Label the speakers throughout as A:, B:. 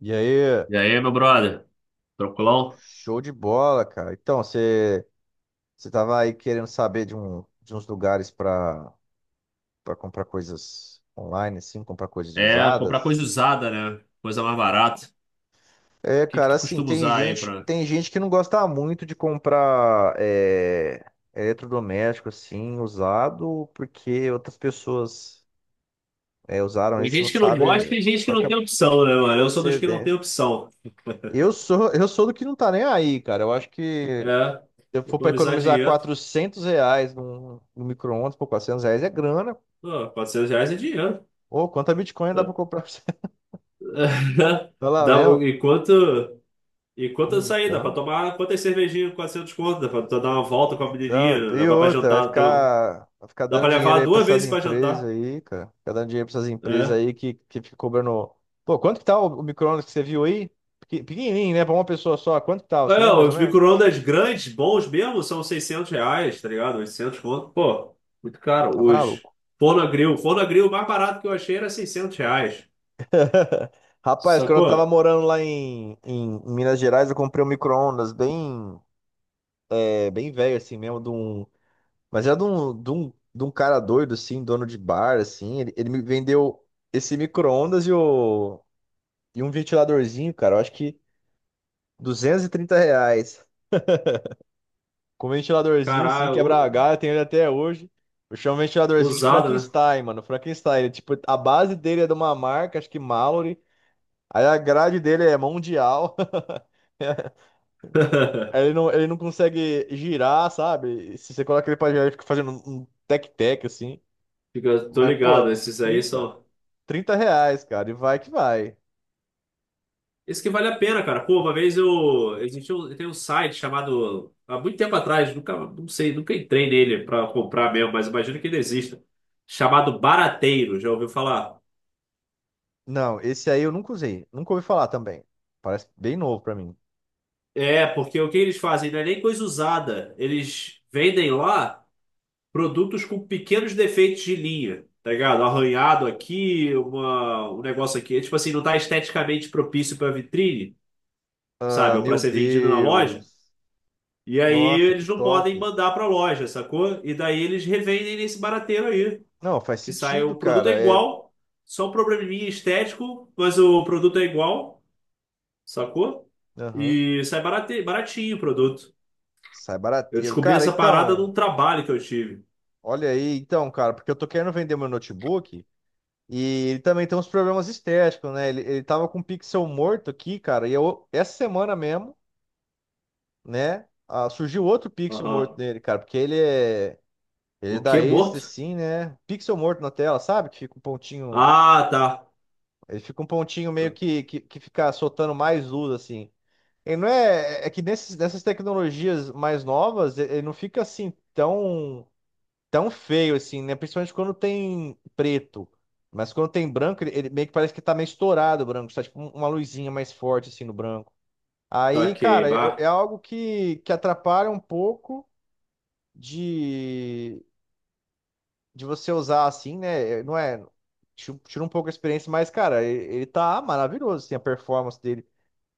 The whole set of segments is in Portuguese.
A: E aí,
B: E aí, meu brother? Tranquilão?
A: show de bola, cara. Então, você tava aí querendo saber de, de uns lugares para comprar coisas online, assim, comprar coisas
B: É comprar coisa
A: usadas?
B: usada, né? Coisa mais barata. O
A: É,
B: que que
A: cara,
B: tu
A: assim,
B: costuma
A: tem
B: usar aí
A: gente,
B: pra...
A: tem gente que não gosta muito de comprar eletrodoméstico, assim, usado, porque outras pessoas usaram
B: Tem
A: isso e não
B: gente que não gosta,
A: sabe
B: tem gente que
A: qual que
B: não
A: é a
B: tem opção, né, mano? Eu sou dos que não tem
A: procedência.
B: opção.
A: Eu sou do que não tá nem aí, cara. Eu acho que
B: É,
A: se eu for para
B: economizar
A: economizar
B: dinheiro.
A: 400 reais num micro-ondas, pô, R$ 400 é grana.
B: Pô, R$ 400 é dinheiro.
A: Pô, quanta Bitcoin dá para
B: Dá,
A: comprar pra você? Tá lá
B: dá-
A: mesmo?
B: enquanto, enquanto eu sair, dá pra
A: Então,
B: tomar quantas cervejinhas, com 400 conto, dá pra tu dar uma volta com a menininha,
A: e
B: levar pra
A: outra, vai
B: jantar. Então,
A: ficar, vai ficar
B: dá
A: dando
B: pra
A: dinheiro
B: levar
A: aí para
B: duas
A: essas
B: vezes pra
A: empresas
B: jantar.
A: aí, cara. Ficar dando dinheiro para essas empresas
B: É.
A: aí que fica cobrando. Pô, quanto que tá o micro-ondas que você viu aí? Pequenininho, né? Para uma pessoa só, quanto que tá? Você
B: É,
A: lembra mais ou
B: os
A: menos?
B: micro-ondas grandes, bons mesmo, são R$ 600, tá ligado? 800, conto. Pô, muito caro
A: Tá
B: hoje.
A: maluco.
B: Forno-grill. Forno-grill, o mais barato que eu achei era R$ 600.
A: Rapaz, quando eu tava
B: Sacou?
A: morando lá em Minas Gerais, eu comprei um micro-ondas bem, bem velho assim mesmo. De um Mas é de um cara doido, assim, dono de bar, assim. Ele me vendeu esse micro-ondas e um ventiladorzinho, cara. Eu acho que R$ 230. Com um ventiladorzinho, assim,
B: Caralho,
A: quebra galho, eu tenho ele até hoje. Eu chamo o ventiladorzinho de
B: usado, né?
A: Frankenstein, mano. Frankenstein, ele, tipo, a base dele é de uma marca, acho que Mallory. Aí a grade dele é mundial. Aí ele não consegue girar, sabe? Se você coloca ele pra girar, ele fica fazendo um tec-tec, assim.
B: Tô
A: Mas,
B: ligado,
A: pô,
B: esses aí
A: 30
B: são.
A: 30 reais, cara, e vai que vai.
B: Esse que vale a pena, cara. Pô, uma vez eu. Existiu, tem um site chamado. Há muito tempo atrás, nunca, não sei, nunca entrei nele pra comprar mesmo, mas imagino que ele exista. Chamado Barateiro, já ouviu falar?
A: Não, esse aí eu nunca usei. Nunca ouvi falar também. Parece bem novo pra mim.
B: É, porque o que eles fazem não é nem coisa usada. Eles vendem lá produtos com pequenos defeitos de linha, tá ligado? Arranhado aqui, uma, um negócio aqui. É, tipo assim, não tá esteticamente propício pra vitrine, sabe?
A: Ah,
B: Ou pra
A: meu
B: ser vendido na loja.
A: Deus.
B: E aí
A: Nossa, que
B: eles não podem
A: top.
B: mandar pra loja, sacou? E daí eles revendem nesse barateiro aí.
A: Não, faz
B: Que sai
A: sentido,
B: o produto é
A: cara. É.
B: igual, só um probleminha estético, mas o produto é igual, sacou?
A: Aham.
B: E sai baratinho o produto.
A: Sai
B: Eu
A: barateiro.
B: descobri
A: Cara,
B: essa parada num
A: então.
B: trabalho que eu tive.
A: Olha aí, então, cara, porque eu tô querendo vender meu notebook e ele também tem uns problemas estéticos, né? Ele tava com um pixel morto aqui, cara, e eu, essa semana mesmo, né? Surgiu outro pixel morto
B: Aham.
A: nele, cara, porque ele é. Ele
B: O
A: dá
B: quê?
A: ace,
B: Morto?
A: assim, né? Pixel morto na tela, sabe? Que fica um pontinho.
B: Ah, tá.
A: Ele fica um pontinho meio que fica soltando mais luz, assim. Ele não é. É que nesses, nessas tecnologias mais novas, ele não fica assim tão, tão feio, assim, né? Principalmente quando tem preto. Mas quando tem branco, ele meio que parece que tá meio estourado o branco. Tá tipo uma luzinha mais forte, assim, no branco. Aí,
B: Saquei,
A: cara, é
B: bah.
A: algo que atrapalha um pouco. De, de você usar assim, né? Não é. Tira um pouco a experiência, mas, cara, ele tá maravilhoso, assim, a performance dele.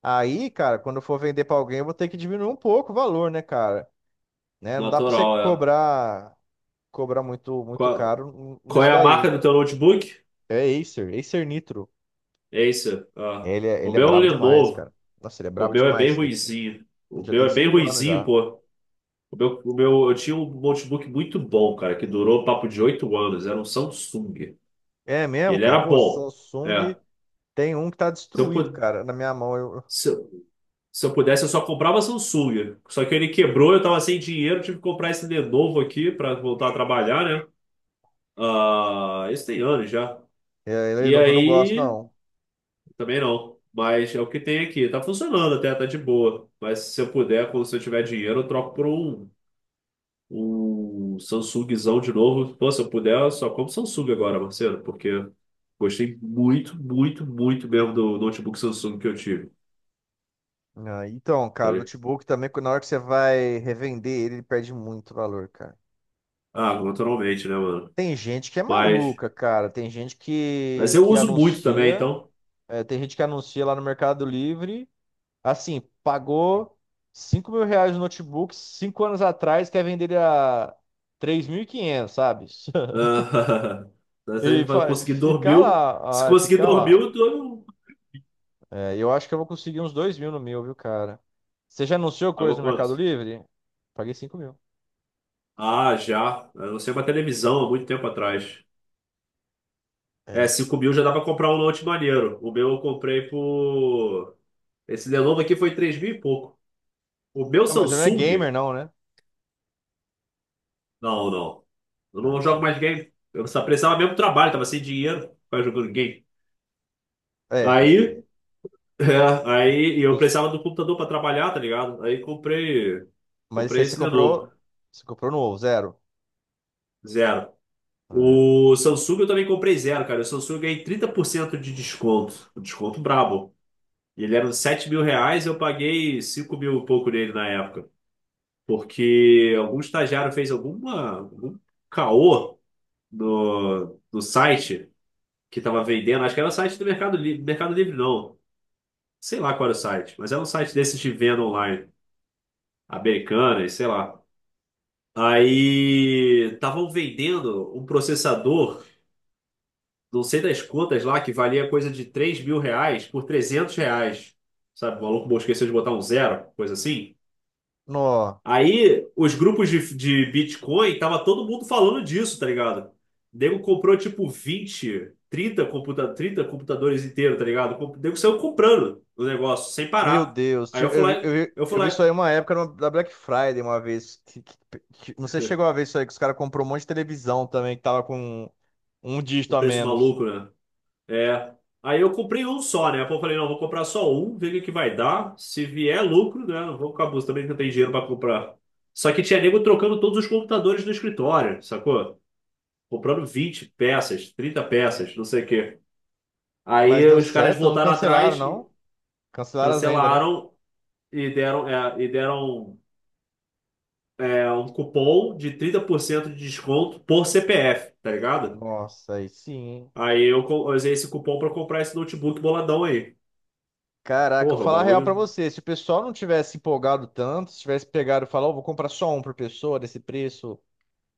A: Aí, cara, quando eu for vender pra alguém, eu vou ter que diminuir um pouco o valor, né, cara? Né? Não dá pra você
B: Natural, é.
A: cobrar muito muito
B: Qual,
A: caro
B: qual
A: nisso
B: é a marca
A: daí.
B: do teu notebook?
A: É Acer, Acer Nitro.
B: Acer. Ah.
A: Ele é,
B: O
A: ele é
B: meu é um
A: brabo demais,
B: Lenovo.
A: cara. Nossa, ele é
B: O
A: brabo
B: meu é
A: demais
B: bem
A: esse daqui.
B: ruizinho. O
A: Já
B: meu
A: tem
B: é bem
A: 5 anos
B: ruizinho,
A: já.
B: pô. O meu, eu tinha um notebook muito bom, cara, que durou papo de 8 anos. Era um Samsung.
A: É
B: E
A: mesmo,
B: ele
A: cara?
B: era
A: Pô,
B: bom.
A: Samsung
B: É.
A: tem um que tá
B: Se eu,
A: destruído,
B: pu-
A: cara, na minha mão. Eu,
B: se, Se eu pudesse, eu só comprava Samsung. Só que ele quebrou, eu tava sem dinheiro, tive que comprar esse Lenovo aqui pra voltar a trabalhar, né? Ah, isso tem anos já.
A: eu, ele é
B: E
A: novo, eu não gosto,
B: aí,
A: não.
B: também não. Mas é o que tem aqui. Tá funcionando até, tá de boa. Mas se eu puder, quando se eu tiver dinheiro, eu troco por um Samsungzão de novo. Pô, se eu puder, eu só compro Samsung agora, Marcelo, porque gostei muito, muito, muito mesmo do notebook Samsung que eu tive.
A: Ah, então,
B: Tá
A: cara, o
B: ligado?
A: notebook também, na hora que você vai revender ele, ele perde muito valor, cara.
B: Ah, naturalmente, né, mano?
A: Tem gente que é
B: Mas.
A: maluca, cara. Tem gente
B: Mas
A: que,
B: eu
A: que
B: uso muito também,
A: anuncia,
B: então.
A: tem gente que anuncia lá no Mercado Livre, assim, pagou R$ 5.000 no notebook 5 anos atrás, quer vender ele a 3.500, sabe?
B: Ah, você
A: E
B: vai conseguir dormir.
A: fica
B: Se
A: lá,
B: conseguir
A: fica
B: dormir,
A: lá.
B: eu durmo.
A: É, eu acho que eu vou conseguir uns 2.000 no meu, viu, cara? Você já anunciou coisa
B: Pagou
A: no Mercado
B: quanto?
A: Livre? Paguei 5.000.
B: Ah, já. Eu não sei uma televisão há muito tempo atrás. É, 5 mil já dá pra comprar um note maneiro. O meu eu comprei por. Esse Lenovo aqui foi 3 mil e pouco. O meu
A: Não, mas ele não é gamer,
B: Samsung.
A: não, né?
B: Não, não. Eu
A: Ah,
B: não jogo
A: entendi.
B: mais game. Eu só precisava mesmo do trabalho, tava sem dinheiro. Ficava jogando game.
A: É, pode
B: Aí
A: crer.
B: É, aí e eu
A: Justo.
B: precisava do computador para trabalhar, tá ligado? Aí
A: Mas isso aí
B: comprei
A: você
B: esse de novo,
A: comprou. Você comprou novo, zero.
B: zero.
A: É.
B: O Samsung eu também comprei zero, cara. O Samsung eu ganhei 30% de desconto, um desconto brabo. E ele era uns R$ 7 mil, eu paguei 5 mil e pouco nele na época. Porque algum estagiário fez alguma, algum caô no site que tava vendendo. Acho que era o site do Mercado Livre, Mercado Livre não. Sei lá qual era o site, mas era um site desses de venda online, americana e sei lá. Aí estavam vendendo um processador, não sei das quantas lá, que valia coisa de R$ 3 mil por R$ 300. Sabe, o maluco bom esqueceu de botar um zero, coisa assim.
A: Nó.
B: Aí os grupos de Bitcoin, tava todo mundo falando disso, tá ligado? O nego comprou tipo 20, 30 computa 30 computadores inteiros, tá ligado? O nego saiu comprando o negócio, sem
A: Meu
B: parar.
A: Deus.
B: Aí
A: Eu, vi- eu, vi-
B: eu fui
A: eu vi isso aí
B: lá,
A: uma época da Black Friday uma vez. Não sei se chegou a ver isso aí, que os caras comprou um monte de televisão também, que tava com um dígito
B: o
A: a
B: preço
A: menos.
B: maluco, né? É. Aí eu comprei um só, né? Pô, eu falei, não, vou comprar só um, ver o que que vai dar. Se vier lucro, né? Não vou ficar buscando também, que eu tenho dinheiro pra comprar. Só que tinha nego trocando todos os computadores do escritório, sacou? Comprando 20 peças, 30 peças, não sei o quê.
A: Mas
B: Aí
A: deu
B: os caras
A: certo, não
B: voltaram
A: cancelaram,
B: atrás, e
A: não. Cancelaram as vendas, né?
B: cancelaram e e deram um cupom de 30% de desconto por CPF, tá ligado?
A: Nossa, aí sim, hein?
B: Aí eu usei esse cupom pra comprar esse notebook boladão aí.
A: Caraca, eu vou
B: Porra, o
A: falar a real pra
B: bagulho.
A: você, se o pessoal não tivesse empolgado tanto, se tivesse pegado e falado, "Ó, vou comprar só um por pessoa desse preço",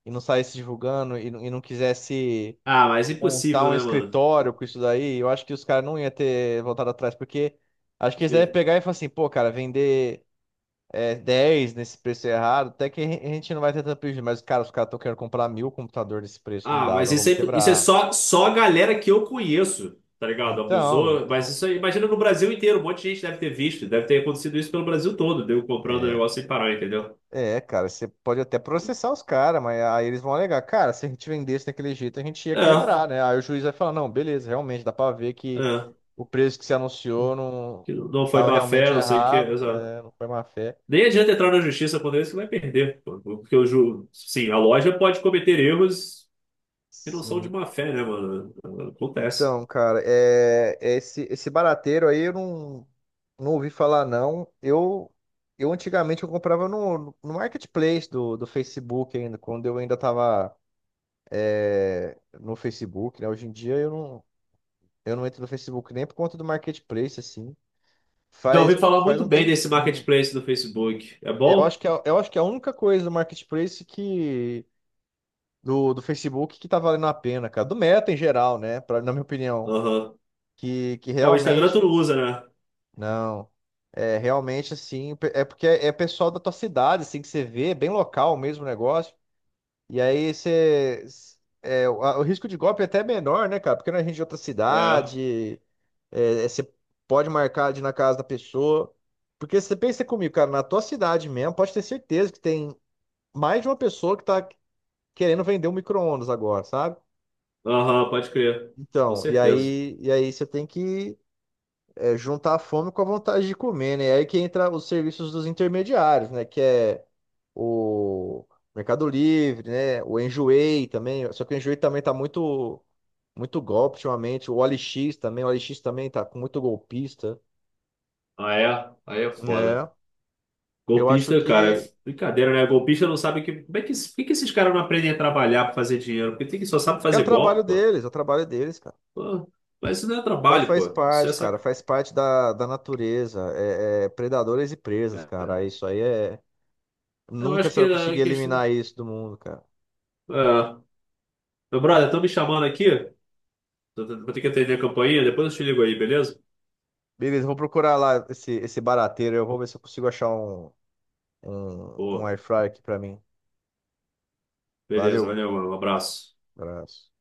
A: e não saísse divulgando, e não quisesse
B: Ah, mas
A: montar
B: impossível,
A: um
B: né, mano?
A: escritório com isso daí, eu acho que os caras não iam ter voltado atrás, porque acho que eles devem
B: Impossível.
A: pegar e falar assim, pô, cara, vender 10 nesse preço errado, até que a gente não vai ter tanto prejuízo, mas, cara, os caras estão querendo comprar 1.000 computador nesse preço, não
B: Ah,
A: dá,
B: mas
A: nós vamos
B: isso é
A: quebrar.
B: só, só a galera que eu conheço, tá ligado?
A: Então,
B: Abusou, mas
A: então...
B: isso aí, imagina no Brasil inteiro, um monte de gente deve ter visto, deve ter acontecido isso pelo Brasil todo, deu comprando
A: é,
B: negócio sem parar, entendeu?
A: É, cara, você pode até processar os caras, mas aí eles vão alegar, cara, se a gente vendesse daquele jeito, a gente ia
B: É,
A: quebrar, né? Aí o juiz vai falar, não, beleza, realmente, dá pra ver que
B: é.
A: o preço que você anunciou não
B: Que não foi
A: tava
B: má fé,
A: realmente
B: não sei o que.
A: errado,
B: Exato.
A: não foi má fé.
B: Nem adianta entrar na justiça quando isso que vai perder, pô, porque eu juro, sim, a loja pode cometer erros que não são de
A: Sim.
B: má fé, né, mano? Acontece.
A: Então, cara, é esse barateiro aí eu não, não ouvi falar, não. Eu antigamente eu comprava no marketplace do Facebook ainda, quando eu ainda tava no Facebook, né? Hoje em dia eu não. Eu não entro no Facebook nem por conta do marketplace, assim.
B: Já ouvi
A: Faz,
B: falar
A: faz
B: muito
A: um
B: bem desse
A: tempinho.
B: marketplace do Facebook. É
A: Eu acho
B: bom?
A: que é, eu acho que é a única coisa do marketplace que do Facebook que tá valendo a pena, cara. Do Meta em geral, né? Na minha opinião,
B: Aham.
A: que
B: É, o Instagram tu não
A: realmente
B: usa, né?
A: não. É realmente assim, é porque é pessoal da tua cidade, assim, que você vê, é bem local mesmo o negócio. E aí você. É, o risco de golpe é até menor, né, cara? Porque não é gente de outra
B: É.
A: cidade, você pode marcar de ir na casa da pessoa. Porque você pensa comigo, cara, na tua cidade mesmo, pode ter certeza que tem mais de uma pessoa que tá querendo vender um micro-ondas agora, sabe?
B: Aham, pode crer. Com
A: Então, e
B: certeza.
A: aí, e aí você tem que juntar a fome com a vontade de comer, né? E aí que entra os serviços dos intermediários, né? Que é o Mercado Livre, né? O Enjoei também. Só que o Enjoei também tá muito, muito golpe ultimamente. O OLX também. O OLX também tá com muito golpista.
B: Ah, é? Aí é foda.
A: É. Eu acho
B: Golpista, cara,
A: que
B: é brincadeira, né? Golpista não sabe que. Como é que, por que que esses caras não aprendem a trabalhar pra fazer dinheiro? Porque tem que só sabe
A: é o
B: fazer
A: trabalho
B: golpe, pô.
A: deles, é o trabalho deles, cara.
B: Pô, mas isso não é
A: Vai
B: trabalho,
A: faz
B: pô. Isso é
A: parte, cara.
B: sac...
A: Faz parte da natureza. É, predadores e presas,
B: é,
A: cara. Isso aí é.
B: eu
A: Nunca
B: acho
A: você
B: que
A: vai conseguir
B: a questão.
A: eliminar isso do mundo, cara.
B: É. Meu brother, estão me chamando aqui. Vou ter que atender a campainha. Depois eu te ligo aí, beleza?
A: Beleza, eu vou procurar lá esse barateiro. Eu vou ver se eu consigo achar um
B: Pô,
A: air fryer aqui pra mim.
B: beleza,
A: Valeu.
B: valeu, mano. Um abraço.
A: Abraço.